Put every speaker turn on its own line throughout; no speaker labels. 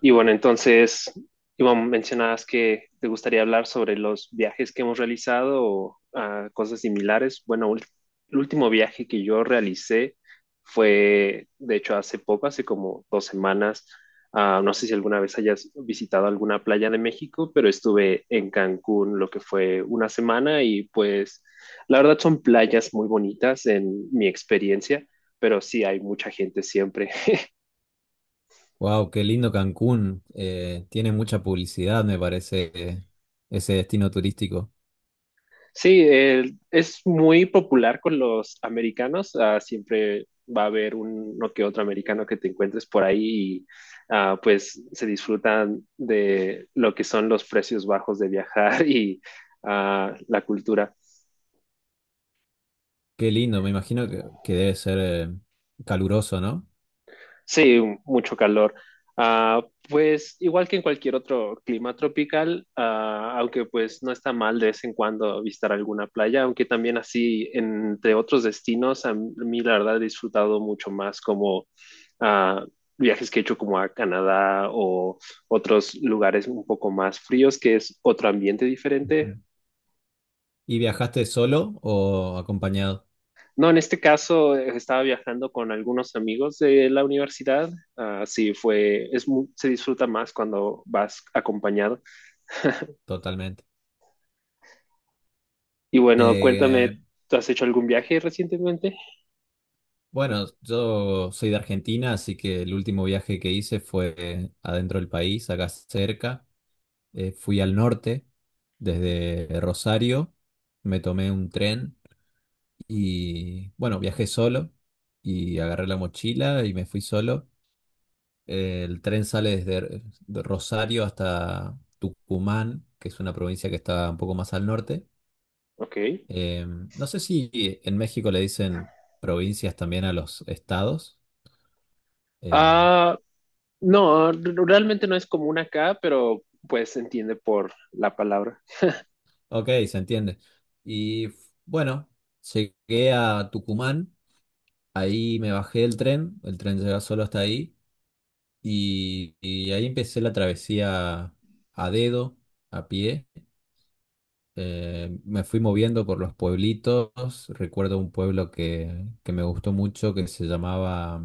Y bueno, entonces, Iván, mencionabas que te gustaría hablar sobre los viajes que hemos realizado o cosas similares. El último viaje que yo realicé fue, de hecho, hace poco, hace como dos semanas. No sé si alguna vez hayas visitado alguna playa de México, pero estuve en Cancún lo que fue una semana y pues la verdad son playas muy bonitas en mi experiencia, pero sí hay mucha gente siempre.
Wow, qué lindo Cancún. Tiene mucha publicidad, me parece. Ese destino turístico.
Sí, es muy popular con los americanos. Ah, siempre va a haber uno que otro americano que te encuentres por ahí y pues se disfrutan de lo que son los precios bajos de viajar la cultura.
Qué lindo, me imagino que debe ser caluroso, ¿no?
Sí, mucho calor. Ah, pues igual que en cualquier otro clima tropical, aunque pues no está mal de vez en cuando visitar alguna playa, aunque también así entre otros destinos, a mí la verdad he disfrutado mucho más como ah, viajes que he hecho como a Canadá o otros lugares un poco más fríos, que es otro ambiente
Ujú.
diferente.
¿Y viajaste solo o acompañado?
No, en este caso estaba viajando con algunos amigos de la universidad. Se disfruta más cuando vas acompañado.
Totalmente.
Y bueno, cuéntame,
Eh,
¿tú has hecho algún viaje recientemente?
bueno, yo soy de Argentina, así que el último viaje que hice fue adentro del país, acá cerca. Fui al norte, desde Rosario, me tomé un tren. Y bueno, viajé solo y agarré la mochila y me fui solo. El tren sale desde de Rosario hasta Tucumán, que es una provincia que está un poco más al norte.
Ok.
Eh, no sé si en México le dicen provincias también a los estados. Eh,
Ah, no, realmente no es común acá, pero pues se entiende por la palabra.
ok, se entiende. Y f- bueno, llegué a Tucumán, ahí me bajé del tren, el tren llega solo hasta ahí. Y ahí empecé la travesía a dedo, a pie. Me fui moviendo por los pueblitos. Recuerdo un pueblo que me gustó mucho que se llamaba,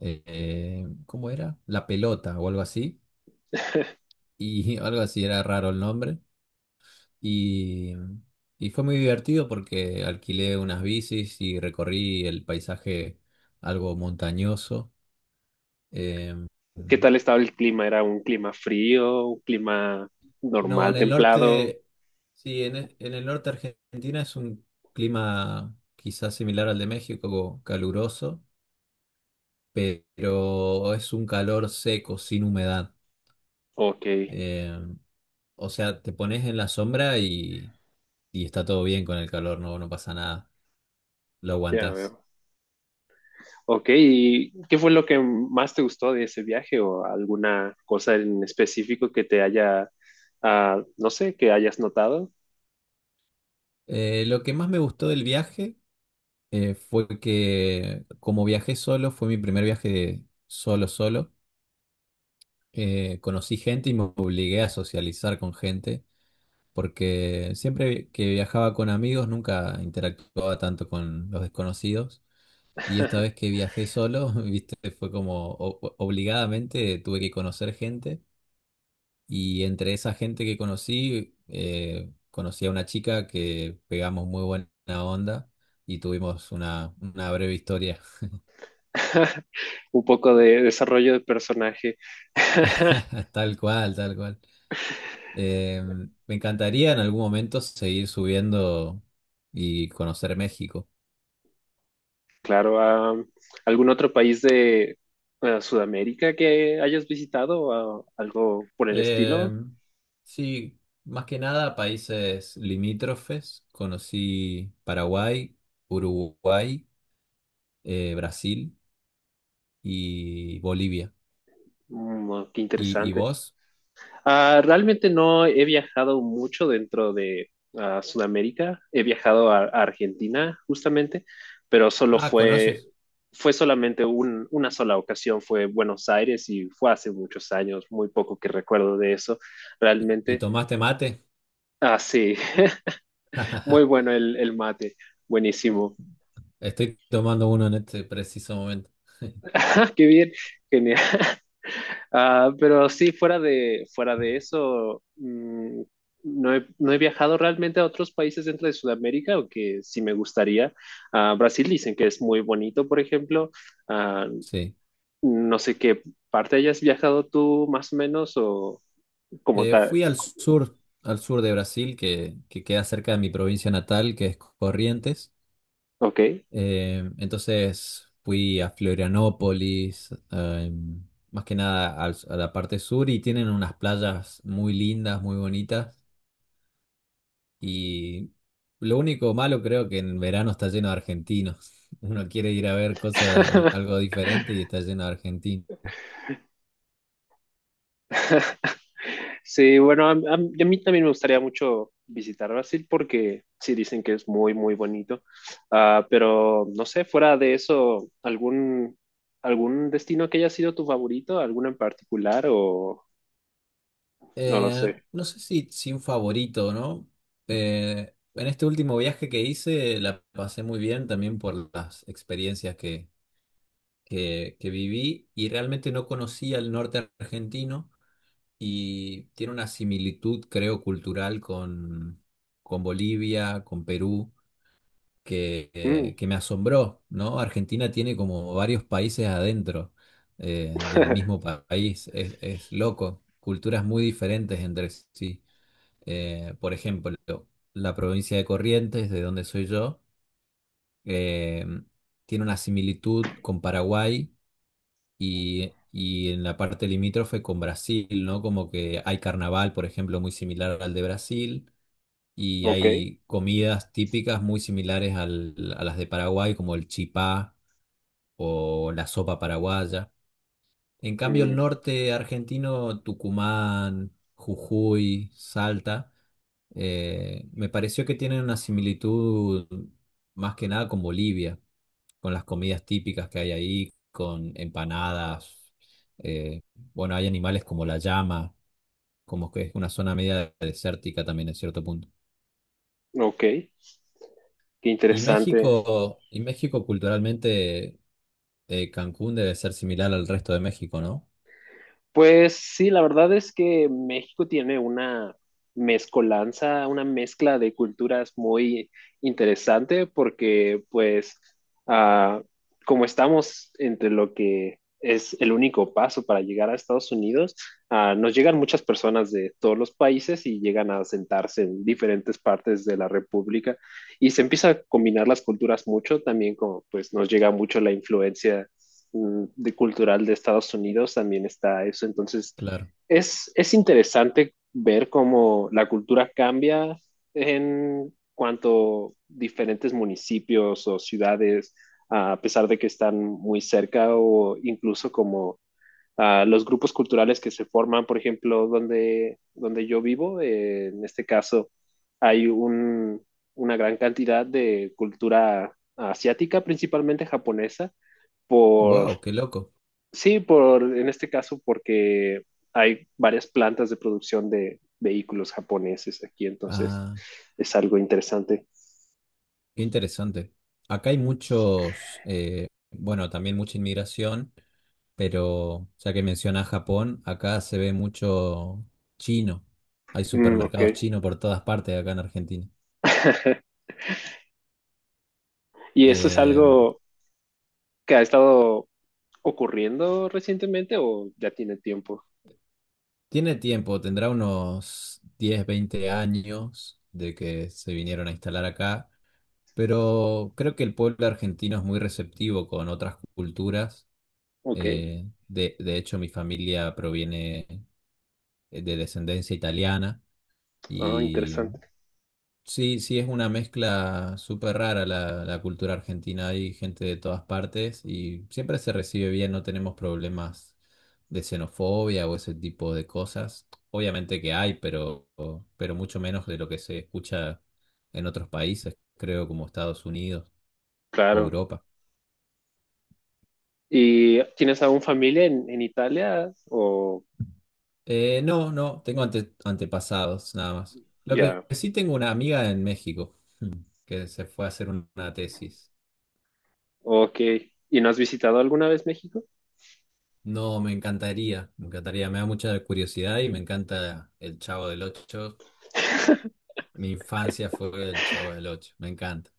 ¿cómo era? La Pelota o algo así. Y algo así, era raro el nombre. Y, y fue muy divertido porque alquilé unas bicis y recorrí el paisaje algo montañoso. Em,
¿Qué tal estaba el clima? ¿Era un clima frío, un clima
No,
normal,
en el
templado?
norte, sí, en el norte de Argentina es un clima quizás similar al de México, caluroso, pero es un calor seco, sin humedad.
Ok,
Eh, o sea, te pones en la sombra y está todo bien con el calor, no, no pasa nada, lo
ya
aguantás.
veo. Ok, ¿y qué fue lo que más te gustó de ese viaje o alguna cosa en específico que te haya, no sé, que hayas notado?
Lo que más me gustó del viaje fue que como viajé solo, fue mi primer viaje de solo, solo. Conocí gente y me obligué a socializar con gente, porque siempre que viajaba con amigos nunca interactuaba tanto con los desconocidos. Y esta vez que viajé solo, viste, fue como obligadamente tuve que conocer gente. Y entre esa gente que conocí, conocí a una chica que pegamos muy buena onda y tuvimos una breve historia.
Un poco de desarrollo de personaje.
Tal cual, tal cual. Eh, Me encantaría en algún momento seguir subiendo y conocer México.
Claro, ¿algún otro país de Sudamérica que hayas visitado o algo por el
Eh,
estilo?
sí, más que nada países limítrofes. Conocí Paraguay, Uruguay, Brasil y Bolivia.
Mm, qué
Y
interesante.
vos?
Realmente no he viajado mucho dentro de Sudamérica. He viajado a Argentina, justamente, pero solo
Ah,
fue,
¿conoces?
fue solamente una sola ocasión, fue Buenos Aires y fue hace muchos años, muy poco que recuerdo de eso,
¿Y
realmente.
tomaste mate?
Ah, sí, muy bueno el mate, buenísimo.
Estoy tomando uno en este preciso momento.
Ah, qué bien, genial. Pero sí, fuera de eso, mm, no he, no he viajado realmente a otros países dentro de Sudamérica, aunque sí me gustaría. Brasil dicen que es muy bonito, por ejemplo. Ah,
Sí.
no sé qué parte hayas viajado tú más o menos o como tal.
Fui al sur de Brasil, que queda cerca de mi provincia natal, que es Corrientes.
Ok.
Entonces fui a Florianópolis, más que nada a la parte sur y tienen unas playas muy lindas, muy bonitas. Y lo único malo creo que en verano está lleno de argentinos. Uno quiere ir a ver cosas, algo diferente y está lleno de argentinos.
Sí, bueno, a mí también me gustaría mucho visitar Brasil porque sí dicen que es muy, muy bonito. Pero no sé, fuera de eso, ¿algún, algún destino que haya sido tu favorito? ¿Alguno en particular o no lo sé?
No sé si, si un favorito, ¿no? En este último viaje que hice la pasé muy bien también por las experiencias que viví y realmente no conocía el norte argentino y tiene una similitud, creo, cultural con Bolivia, con Perú,
Mm,
que me asombró, ¿no? Argentina tiene como varios países adentro del mismo país, es loco, culturas muy diferentes entre sí. Por ejemplo, la provincia de Corrientes, de donde soy yo, eh, tiene una similitud con Paraguay y en la parte limítrofe con Brasil, ¿no? Como que hay carnaval, por ejemplo, muy similar al de Brasil, y
ok,
hay comidas típicas muy similares a las de Paraguay, como el chipá o la sopa paraguaya. En cambio, el
mm,
norte argentino, Tucumán, Jujuy, Salta, me pareció que tienen una similitud más que nada con Bolivia, con las comidas típicas que hay ahí, con empanadas. eh, bueno, hay animales como la llama, como que es una zona media desértica también en cierto punto.
ok, qué interesante.
Y México culturalmente, Cancún debe ser similar al resto de México, ¿no?
Pues sí, la verdad es que México tiene una mezcolanza, una mezcla de culturas muy interesante porque pues ah, como estamos entre lo que es el único paso para llegar a Estados Unidos, nos llegan muchas personas de todos los países y llegan a sentarse en diferentes partes de la República y se empieza a combinar las culturas mucho, también como pues nos llega mucho la influencia mm, de cultural de Estados Unidos también está eso. Entonces,
Claro.
es interesante ver cómo la cultura cambia en cuanto diferentes municipios o ciudades, a pesar de que están muy cerca o incluso como los grupos culturales que se forman, por ejemplo, donde, donde yo vivo, en este caso hay un, una gran cantidad de cultura asiática, principalmente japonesa, por.
Wow, qué loco.
Sí, por, en este caso porque hay varias plantas de producción de vehículos japoneses aquí, entonces
Ah,
es algo interesante.
qué interesante. Acá hay muchos, bueno, también mucha inmigración, pero ya que mencionas Japón, acá se ve mucho chino. Hay
Mm, ok.
supermercados chinos por todas partes acá en Argentina.
¿Y eso es
Eh,
algo que ha estado ocurriendo recientemente o ya tiene tiempo?
Tiene tiempo, tendrá unos 10, 20 años de que se vinieron a instalar acá, pero creo que el pueblo argentino es muy receptivo con otras culturas.
Ok,
De hecho, mi familia proviene de descendencia italiana y
interesante,
sí, sí, es una mezcla súper rara la cultura argentina. Hay gente de todas partes y siempre se recibe bien, no tenemos problemas de xenofobia o ese tipo de cosas. Obviamente que hay, pero mucho menos de lo que se escucha en otros países, creo, como Estados Unidos o
claro.
Europa.
¿Y tienes aún familia en Italia o
No, tengo antepasados nada más. Lo que
ya?
sí, tengo una amiga en México que se fue a hacer una tesis.
Ok. ¿Y no has visitado alguna vez México?
No, me encantaría, me encantaría, me da mucha curiosidad y me encanta el Chavo del Ocho. Mi infancia fue el Chavo del Ocho, me encanta.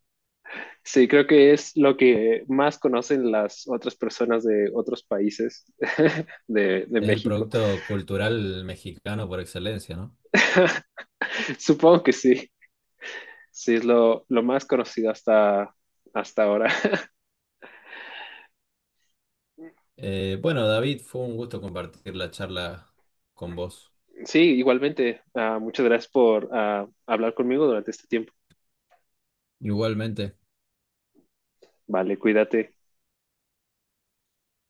Sí, creo que es lo que más conocen las otras personas de otros países de
Es el
México.
producto cultural mexicano por excelencia, ¿no?
Supongo que sí, sí, es lo más conocido hasta, hasta ahora.
Bueno, David, fue un gusto compartir la charla con vos.
Sí, igualmente, muchas gracias por hablar conmigo durante este tiempo.
Igualmente.
Vale, cuídate.